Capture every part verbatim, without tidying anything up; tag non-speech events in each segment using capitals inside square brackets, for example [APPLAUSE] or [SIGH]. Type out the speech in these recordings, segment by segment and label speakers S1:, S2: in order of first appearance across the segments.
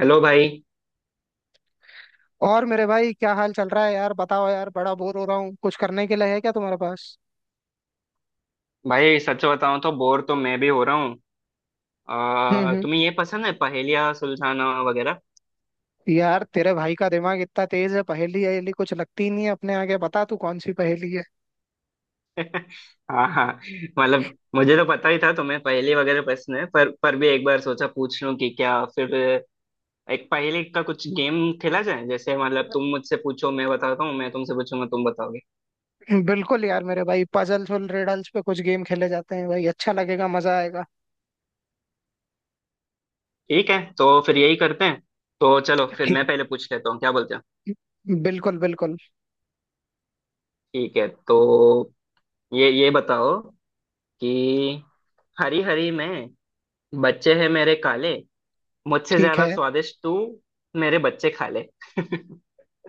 S1: Hello भाई।
S2: और मेरे भाई क्या हाल चल रहा है यार। बताओ यार, बड़ा बोर हो रहा हूँ। कुछ करने के लिए है क्या तुम्हारे पास।
S1: भाई सच बताऊं तो बोर तो मैं भी हो रहा हूँ।
S2: हम्म
S1: आ,
S2: हम्म।
S1: तुम्हें ये पसंद है पहेलियाँ सुलझाना वगैरह?
S2: यार तेरे भाई का दिमाग इतना तेज है, पहेली अहेली कुछ लगती ही नहीं है अपने आगे। बता तू कौन सी पहेली है।
S1: हाँ हाँ। मतलब मुझे तो पता ही था तुम्हें पहेली वगैरह पसंद है, पर पर भी एक बार सोचा पूछ लूं कि क्या फिर एक पहेली का कुछ गेम खेला जाए। जैसे मतलब तुम मुझसे पूछो मैं बताता हूँ, मैं तुमसे पूछूंगा तुम बताओगे।
S2: [LAUGHS] बिल्कुल यार मेरे भाई, पजल्स और रिडल्स पे कुछ गेम खेले जाते हैं भाई, अच्छा लगेगा, मजा आएगा।
S1: ठीक है, तो फिर यही करते हैं। तो चलो
S2: [LAUGHS]
S1: फिर मैं
S2: ठीक-
S1: पहले पूछ लेता हूँ, क्या बोलते हो?
S2: बिल्कुल बिल्कुल।
S1: ठीक है, तो ये ये बताओ कि हरी हरी में बच्चे हैं मेरे काले, मुझसे
S2: ठीक
S1: ज्यादा
S2: है।
S1: स्वादिष्ट तू मेरे बच्चे खा ले। [LAUGHS]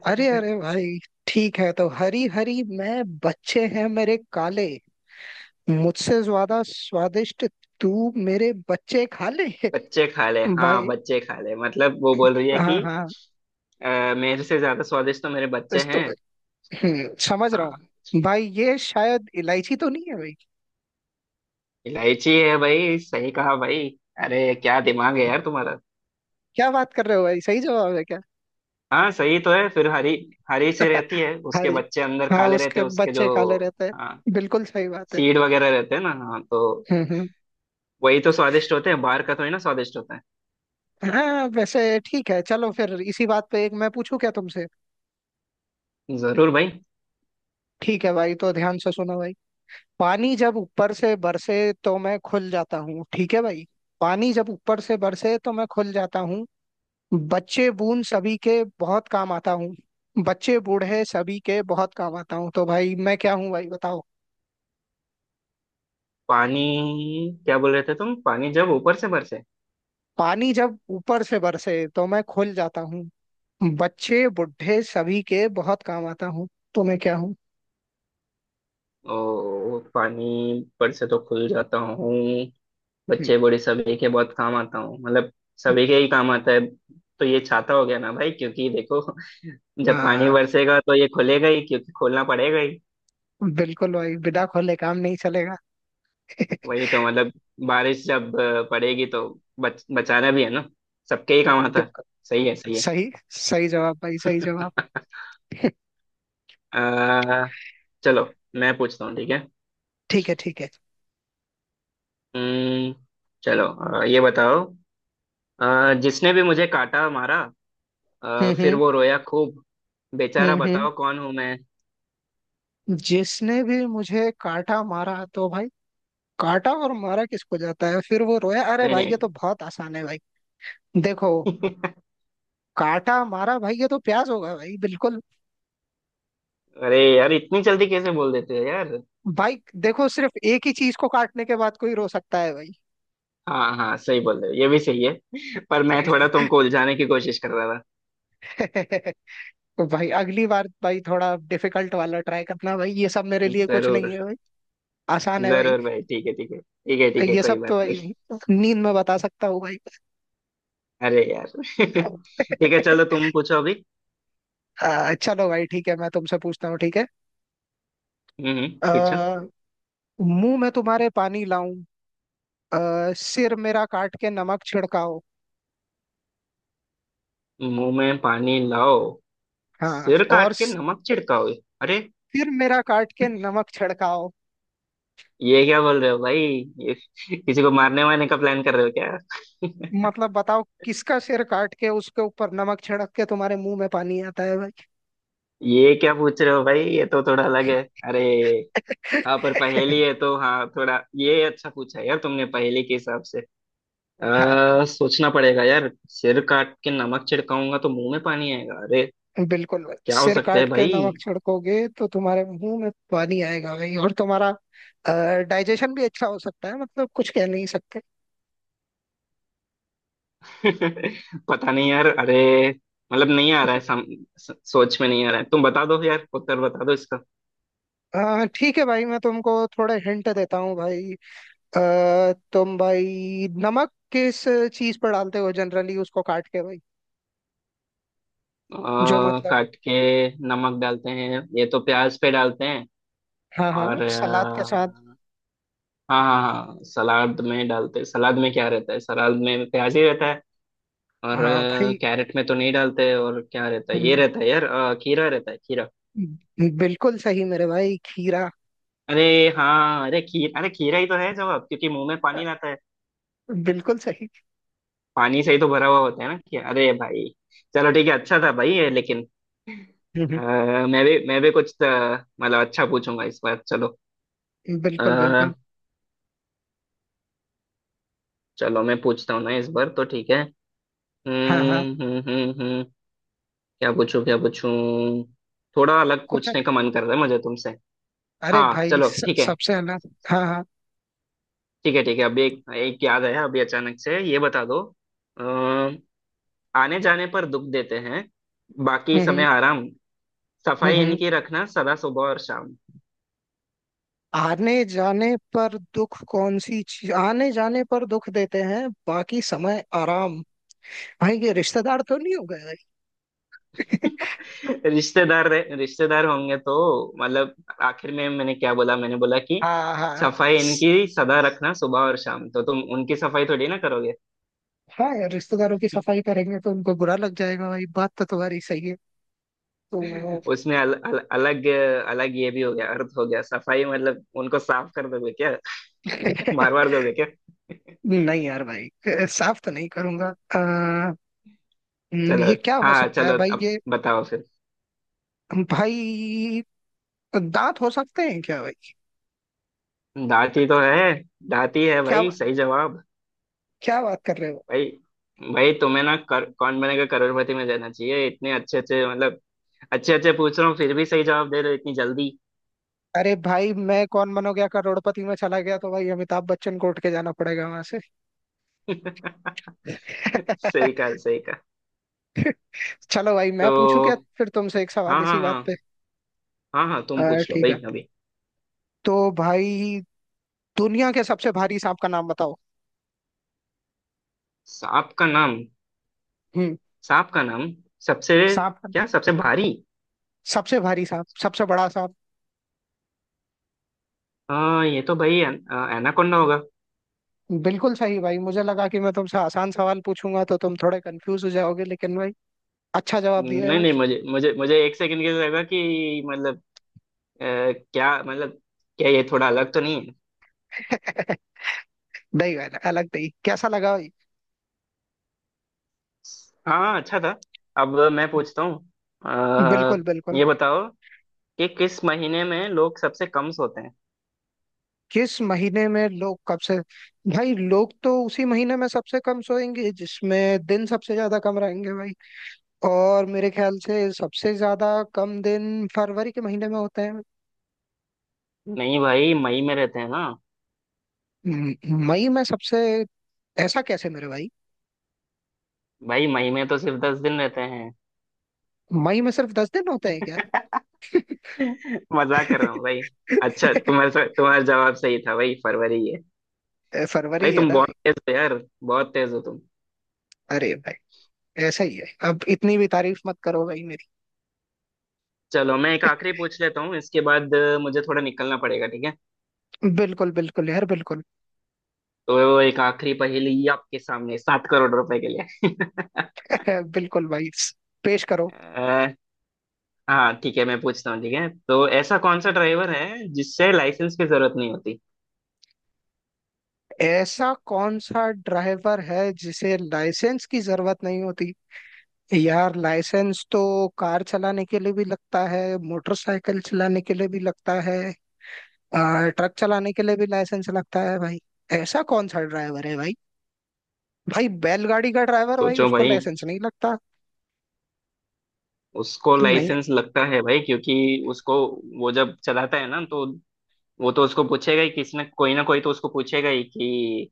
S2: अरे अरे भाई, ठीक है। तो हरी हरी मैं बच्चे हैं मेरे काले, मुझसे ज्यादा स्वादिष्ट तू मेरे बच्चे खा ले।
S1: बच्चे खा ले,
S2: [LAUGHS]
S1: हाँ
S2: भाई,
S1: बच्चे खा ले, मतलब वो बोल रही है
S2: हाँ
S1: कि
S2: हाँ।
S1: अ, मेरे से ज्यादा स्वादिष्ट तो मेरे बच्चे
S2: इस तो
S1: हैं।
S2: हम्म, समझ रहा
S1: हाँ,
S2: हूँ भाई, ये शायद इलायची तो नहीं है भाई।
S1: इलायची है भाई, सही कहा भाई। अरे क्या दिमाग है यार तुम्हारा।
S2: क्या बात कर रहे हो भाई, सही जवाब है क्या।
S1: हाँ सही तो है, फिर हरी हरी सी रहती
S2: [LAUGHS]
S1: है, उसके
S2: अरे,
S1: बच्चे अंदर
S2: हाँ
S1: काले रहते
S2: उसके
S1: हैं उसके जो।
S2: बच्चे काले रहते
S1: हाँ,
S2: हैं, बिल्कुल सही बात है।
S1: सीड वगैरह रहते हैं ना, हाँ तो
S2: हम्म हम्म।
S1: वही तो स्वादिष्ट होते हैं, बाहर का थोड़ी ना स्वादिष्ट होता है।
S2: हाँ वैसे ठीक है, चलो फिर इसी बात पे एक मैं पूछूं क्या तुमसे।
S1: जरूर भाई।
S2: ठीक है भाई, तो ध्यान से सुनो भाई। पानी जब ऊपर से बरसे तो मैं खुल जाता हूँ, ठीक है भाई। पानी जब ऊपर से बरसे तो मैं खुल जाता हूँ, बच्चे बून सभी के बहुत काम आता हूँ, बच्चे बूढ़े सभी के बहुत काम आता हूँ। तो भाई मैं क्या हूँ भाई बताओ।
S1: पानी, क्या बोल रहे थे तुम? पानी जब ऊपर से बरसे
S2: पानी जब ऊपर से बरसे तो मैं खुल जाता हूँ, बच्चे बूढ़े सभी के बहुत काम आता हूँ। तो मैं क्या हूँ।
S1: और पानी पर से तो खुल जाता हूँ, बच्चे बूढ़े सभी के बहुत काम आता हूँ, मतलब सभी के ही काम आता है, तो ये छाता हो गया ना भाई, क्योंकि देखो, [LAUGHS] जब पानी
S2: हाँ,
S1: बरसेगा तो ये खुलेगा ही क्योंकि खोलना पड़ेगा ही।
S2: बिल्कुल भाई, बिना खोले काम नहीं चलेगा।
S1: वही
S2: [LAUGHS]
S1: तो मतलब, बारिश जब अ, पड़ेगी तो बच, बचाना भी है ना, सबके ही काम आता है।
S2: बिल्कुल
S1: सही है सही है।
S2: सही। सही जवाब भाई, सही जवाब। [LAUGHS]
S1: आ, चलो मैं पूछता हूँ, ठीक है।
S2: ठीक है ठीक है।
S1: अम्म, चलो। अ, ये बताओ, अ, जिसने भी मुझे काटा मारा, अ, फिर
S2: हम्म
S1: वो रोया खूब बेचारा,
S2: हम्म हम्म हम्म।
S1: बताओ कौन हूँ मैं?
S2: जिसने भी मुझे काटा मारा, तो भाई काटा और मारा किसको जाता है, फिर वो रोया, अरे
S1: नहीं
S2: भाई ये
S1: नहीं।
S2: तो बहुत आसान है भाई। देखो, काटा मारा भाई, ये तो प्याज होगा भाई, बिल्कुल।
S1: [LAUGHS] अरे यार इतनी जल्दी कैसे बोल देते हो यार।
S2: भाई देखो, सिर्फ एक ही चीज को काटने के बाद कोई रो सकता है भाई।
S1: हाँ हाँ सही बोल रहे हो, ये भी सही है, [LAUGHS] पर मैं थोड़ा तुमको उलझाने की कोशिश कर रहा था।
S2: [LAUGHS] तो भाई अगली बार भाई थोड़ा डिफिकल्ट वाला ट्राई करना भाई, ये सब मेरे लिए कुछ
S1: जरूर
S2: नहीं है भाई। आसान है भाई।
S1: जरूर भाई, ठीक है ठीक है ठीक है ठीक है,
S2: ये
S1: कोई
S2: सब तो
S1: बात
S2: भाई
S1: नहीं।
S2: नींद में बता सकता हूँ भाई।
S1: अरे यार। [LAUGHS] ठीक है चलो,
S2: [LAUGHS]
S1: तुम पूछो अभी।
S2: आ, चलो भाई, ठीक है, मैं तुमसे पूछता हूँ, ठीक है।
S1: हम्म हम्म,
S2: आ,
S1: पूछो।
S2: मुंह में तुम्हारे पानी लाऊं, अ, सिर मेरा काट के नमक छिड़काओ।
S1: मुंह में पानी लाओ,
S2: हाँ
S1: सिर काट
S2: और
S1: के नमक छिड़काओ, अरे
S2: सिर मेरा काट के नमक छिड़काओ।
S1: ये क्या बोल रहे हो भाई? ये किसी को मारने वारने का प्लान कर रहे हो क्या?
S2: मतलब बताओ, किसका सिर काट के उसके ऊपर नमक छिड़क के तुम्हारे मुंह में पानी आता है भाई।
S1: ये क्या पूछ रहे हो भाई, ये तो थोड़ा अलग है, अरे। हाँ पर
S2: [LAUGHS]
S1: पहेली है तो, हाँ थोड़ा ये अच्छा पूछा यार तुमने पहेली के हिसाब से।
S2: हाँ,
S1: आ, सोचना पड़ेगा यार, सिर काट के नमक छिड़काऊंगा तो मुंह में पानी आएगा, अरे
S2: बिल्कुल भाई,
S1: क्या हो
S2: सिर
S1: सकता है
S2: काट के
S1: भाई।
S2: नमक छिड़कोगे तो तुम्हारे मुंह में पानी आएगा भाई, और तुम्हारा डाइजेशन भी अच्छा हो सकता है, मतलब कुछ कह नहीं सकते।
S1: [LAUGHS] पता नहीं यार, अरे मतलब नहीं आ रहा है, सम, स, सोच में नहीं आ रहा है, तुम बता दो यार, उत्तर बता दो इसका।
S2: अ, ठीक है भाई, मैं तुमको थोड़े हिंट देता हूँ भाई। अ, तुम भाई नमक किस चीज पर डालते हो जनरली, उसको काट के भाई, जो
S1: आ,
S2: मतलब।
S1: काट के नमक डालते हैं ये तो प्याज पे डालते हैं,
S2: हाँ हाँ,
S1: और
S2: सलाद के साथ।
S1: हाँ हाँ हाँ, सलाद में डालते, सलाद में क्या रहता है? सलाद में प्याज ही रहता है, और
S2: हाँ
S1: अ,
S2: भाई।
S1: कैरेट में तो नहीं डालते, और क्या रहता है? ये
S2: हम्म,
S1: रहता है यार, अ, खीरा रहता है खीरा।
S2: बिल्कुल सही मेरे भाई, खीरा।
S1: अरे हाँ, अरे खीर, अरे खीरा ही तो है जवाब, क्योंकि मुंह में पानी लाता है,
S2: बिल्कुल सही।
S1: पानी से ही तो भरा हुआ होता है ना खीरा, अरे भाई। चलो ठीक है, अच्छा था भाई ये लेकिन।
S2: हम्म,
S1: अ, मैं भी मैं भी कुछ अ, मतलब अच्छा पूछूंगा इस बार। चलो, अ,
S2: बिल्कुल बिल्कुल।
S1: चलो मैं पूछता हूँ ना इस बार, तो ठीक है।
S2: हाँ हाँ,
S1: हम्म हम्म हम्म हम्म। क्या पूछूं क्या पूछूं, थोड़ा अलग
S2: कुछ,
S1: पूछने का मन कर रहा है मुझे तुमसे।
S2: अरे
S1: हाँ
S2: भाई
S1: चलो
S2: स-
S1: ठीक है,
S2: सबसे अलग, हाँ हाँ।
S1: ठीक है ठीक है। अभी एक एक याद आया अभी, अचानक से ये बता दो। अम, आने जाने पर दुख देते हैं, बाकी
S2: हम्म
S1: समय
S2: हम्म।
S1: आराम,
S2: हम्म,
S1: सफाई
S2: हम्म,
S1: इनकी रखना सदा सुबह और शाम।
S2: आने जाने पर दुख, कौन सी चीज आने जाने पर दुख देते हैं बाकी समय आराम। भाई ये रिश्तेदार तो नहीं हो गए भाई। [LAUGHS]
S1: [LAUGHS] रिश्तेदार रहे- रिश्तेदार होंगे तो, मतलब आखिर में मैंने क्या बोला? मैंने बोला कि
S2: हाँ हाँ।
S1: सफाई
S2: स-
S1: इनकी सदा रखना सुबह और शाम, तो तुम उनकी सफाई थोड़ी ना करोगे।
S2: हाँ यार, रिश्तेदारों की सफाई करेंगे तो उनको बुरा लग जाएगा भाई, बात तो तुम्हारी सही है। तो
S1: उसमें अल, अल, अलग अलग ये भी हो गया अर्थ, हो गया सफाई मतलब उनको साफ कर दोगे क्या? [LAUGHS] मार
S2: [LAUGHS]
S1: मार दोगे क्या?
S2: नहीं यार भाई, अ, साफ तो नहीं करूंगा। अ, हम्म,
S1: चलो,
S2: ये क्या हो
S1: हाँ हाँ,
S2: सकता है
S1: चलो
S2: भाई,
S1: अब
S2: ये
S1: बताओ फिर।
S2: भाई दांत हो सकते हैं क्या भाई।
S1: दाती तो है, दाती है
S2: क्या,
S1: भाई, सही जवाब।
S2: क्या बात कर रहे हो।
S1: भाई, भाई तुम्हें ना, कर, कौन बनेगा करोड़पति में जाना चाहिए, इतने अच्छे अच्छे मतलब अच्छे अच्छे पूछ रहा हूँ फिर भी सही जवाब दे रहे हो इतनी जल्दी।
S2: अरे भाई, मैं कौन बनो गया करोड़पति में चला गया तो भाई अमिताभ बच्चन को उठ के जाना पड़ेगा वहां से।
S1: [LAUGHS] सही कहा
S2: [LAUGHS]
S1: सही कहा।
S2: चलो भाई मैं
S1: तो
S2: पूछूं क्या फिर तुमसे एक सवाल
S1: हाँ
S2: इसी
S1: हाँ
S2: बात पे।
S1: हाँ हाँ हाँ, तुम
S2: अ,
S1: पूछ लो
S2: ठीक है,
S1: भाई अभी।
S2: तो भाई दुनिया के सबसे भारी सांप का नाम बताओ।
S1: सांप का नाम
S2: हम्म।
S1: सांप का नाम सबसे,
S2: सांप का-
S1: क्या सबसे भारी?
S2: सबसे भारी सांप, सबसे बड़ा सांप।
S1: हाँ ये तो भाई, एन, एनाकोंडा होगा।
S2: बिल्कुल सही भाई, मुझे लगा कि मैं तुमसे आसान सवाल पूछूंगा तो तुम थोड़े कंफ्यूज हो जाओगे, लेकिन भाई अच्छा जवाब दिया है
S1: नहीं नहीं,
S2: भाई।
S1: मुझे मुझे मुझे एक सेकंड के लिए लगा कि मतलब अ, क्या मतलब, क्या ये थोड़ा अलग तो नहीं है।
S2: [LAUGHS] नहीं भाई, अलग नहीं, कैसा लगा भाई।
S1: हाँ अच्छा था। अब मैं पूछता हूँ,
S2: बिल्कुल
S1: अ,
S2: बिल्कुल।
S1: ये बताओ कि किस महीने में लोग सबसे कम सोते हैं?
S2: किस महीने में लोग कब से। भाई लोग तो उसी महीने में सबसे कम सोएंगे जिसमें दिन सबसे ज्यादा कम रहेंगे भाई। और मेरे ख्याल से सबसे ज्यादा कम दिन फरवरी के महीने में होते हैं।
S1: नहीं भाई, मई में रहते हैं ना?
S2: म- मई में सबसे? ऐसा कैसे मेरे भाई,
S1: भाई मई में तो सिर्फ दस दिन रहते हैं।
S2: मई में सिर्फ दस दिन होते हैं?
S1: [LAUGHS] मजाक कर रहा हूँ भाई। अच्छा,
S2: क्या।
S1: तुम्हारा तुम्हारा जवाब सही था भाई, फरवरी है।
S2: [LAUGHS]
S1: भाई
S2: फरवरी है।
S1: तुम बहुत तेज हो यार, बहुत तेज हो तुम।
S2: अरे भाई, ऐसा ही है, अब इतनी भी तारीफ मत करो भाई मेरी।
S1: चलो मैं एक आखिरी पूछ लेता हूँ, इसके बाद अ, मुझे थोड़ा निकलना पड़ेगा, ठीक है।
S2: बिल्कुल बिल्कुल यार, बिल्कुल।
S1: तो एक आखिरी पहेली आपके सामने, सात करोड़ रुपए के लिए। [LAUGHS]
S2: [LAUGHS] बिल्कुल भाई, पेश करो।
S1: अ, हाँ ठीक है, मैं पूछता हूँ ठीक है, तो ऐसा कौन सा ड्राइवर है जिससे लाइसेंस की जरूरत नहीं होती?
S2: ऐसा कौन सा ड्राइवर है जिसे लाइसेंस की जरूरत नहीं होती। यार लाइसेंस तो कार चलाने के लिए भी लगता है, मोटरसाइकिल चलाने के लिए भी लगता है, आ, ट्रक चलाने के लिए भी लाइसेंस लगता है भाई। ऐसा कौन सा ड्राइवर है भाई। भाई बैलगाड़ी का ड्राइवर भाई,
S1: सोचो
S2: उसको
S1: भाई,
S2: लाइसेंस नहीं लगता।
S1: उसको
S2: नहीं।
S1: लाइसेंस लगता है भाई क्योंकि उसको, वो जब चलाता है ना, तो वो तो उसको पूछेगा ही, किसी ना कोई ना कोई तो उसको पूछेगा ही कि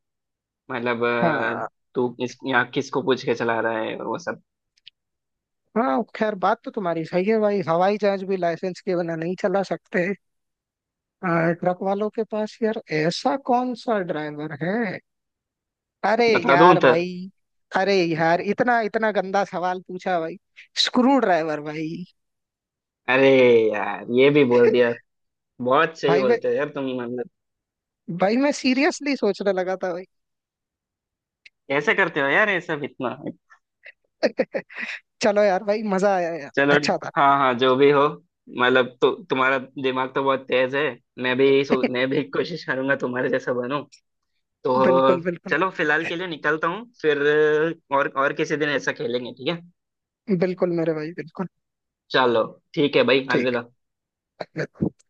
S1: मतलब अ,
S2: हाँ
S1: तू इस यहाँ किसको पूछ के चला रहा है, और वो सब।
S2: हाँ, खैर बात तो तुम्हारी सही है भाई, हवाई जहाज भी लाइसेंस के बिना नहीं चला सकते। आ, ट्रक वालों के पास, यार ऐसा कौन सा ड्राइवर है, अरे
S1: बता दूं
S2: यार
S1: उत्तर?
S2: भाई। अरे यार इतना इतना गंदा सवाल पूछा भाई, स्क्रू ड्राइवर भाई।
S1: अरे यार ये भी बोल
S2: [LAUGHS]
S1: दिया। बहुत सही
S2: भाई मैं
S1: बोलते हो यार तुम, मतलब
S2: भाई मैं सीरियसली सोचने लगा था भाई।
S1: कैसे करते हो यार ये सब इतना।
S2: [LAUGHS] चलो यार भाई, मजा आया यार,
S1: चलो,
S2: अच्छा था।
S1: हाँ हाँ, जो भी हो, मतलब तो तुम्हारा दिमाग तो बहुत तेज है, मैं भी सो, मैं
S2: [LAUGHS]
S1: भी [LAUGHS] कोशिश करूंगा तुम्हारे जैसा बनूं। तो
S2: बिल्कुल बिल्कुल।
S1: चलो फिलहाल के लिए निकलता हूँ फिर, और और किसी दिन ऐसा खेलेंगे, ठीक है।
S2: बिल्कुल मेरे भाई बिल्कुल।
S1: चलो, ठीक है भाई, अलविदा।
S2: ठीक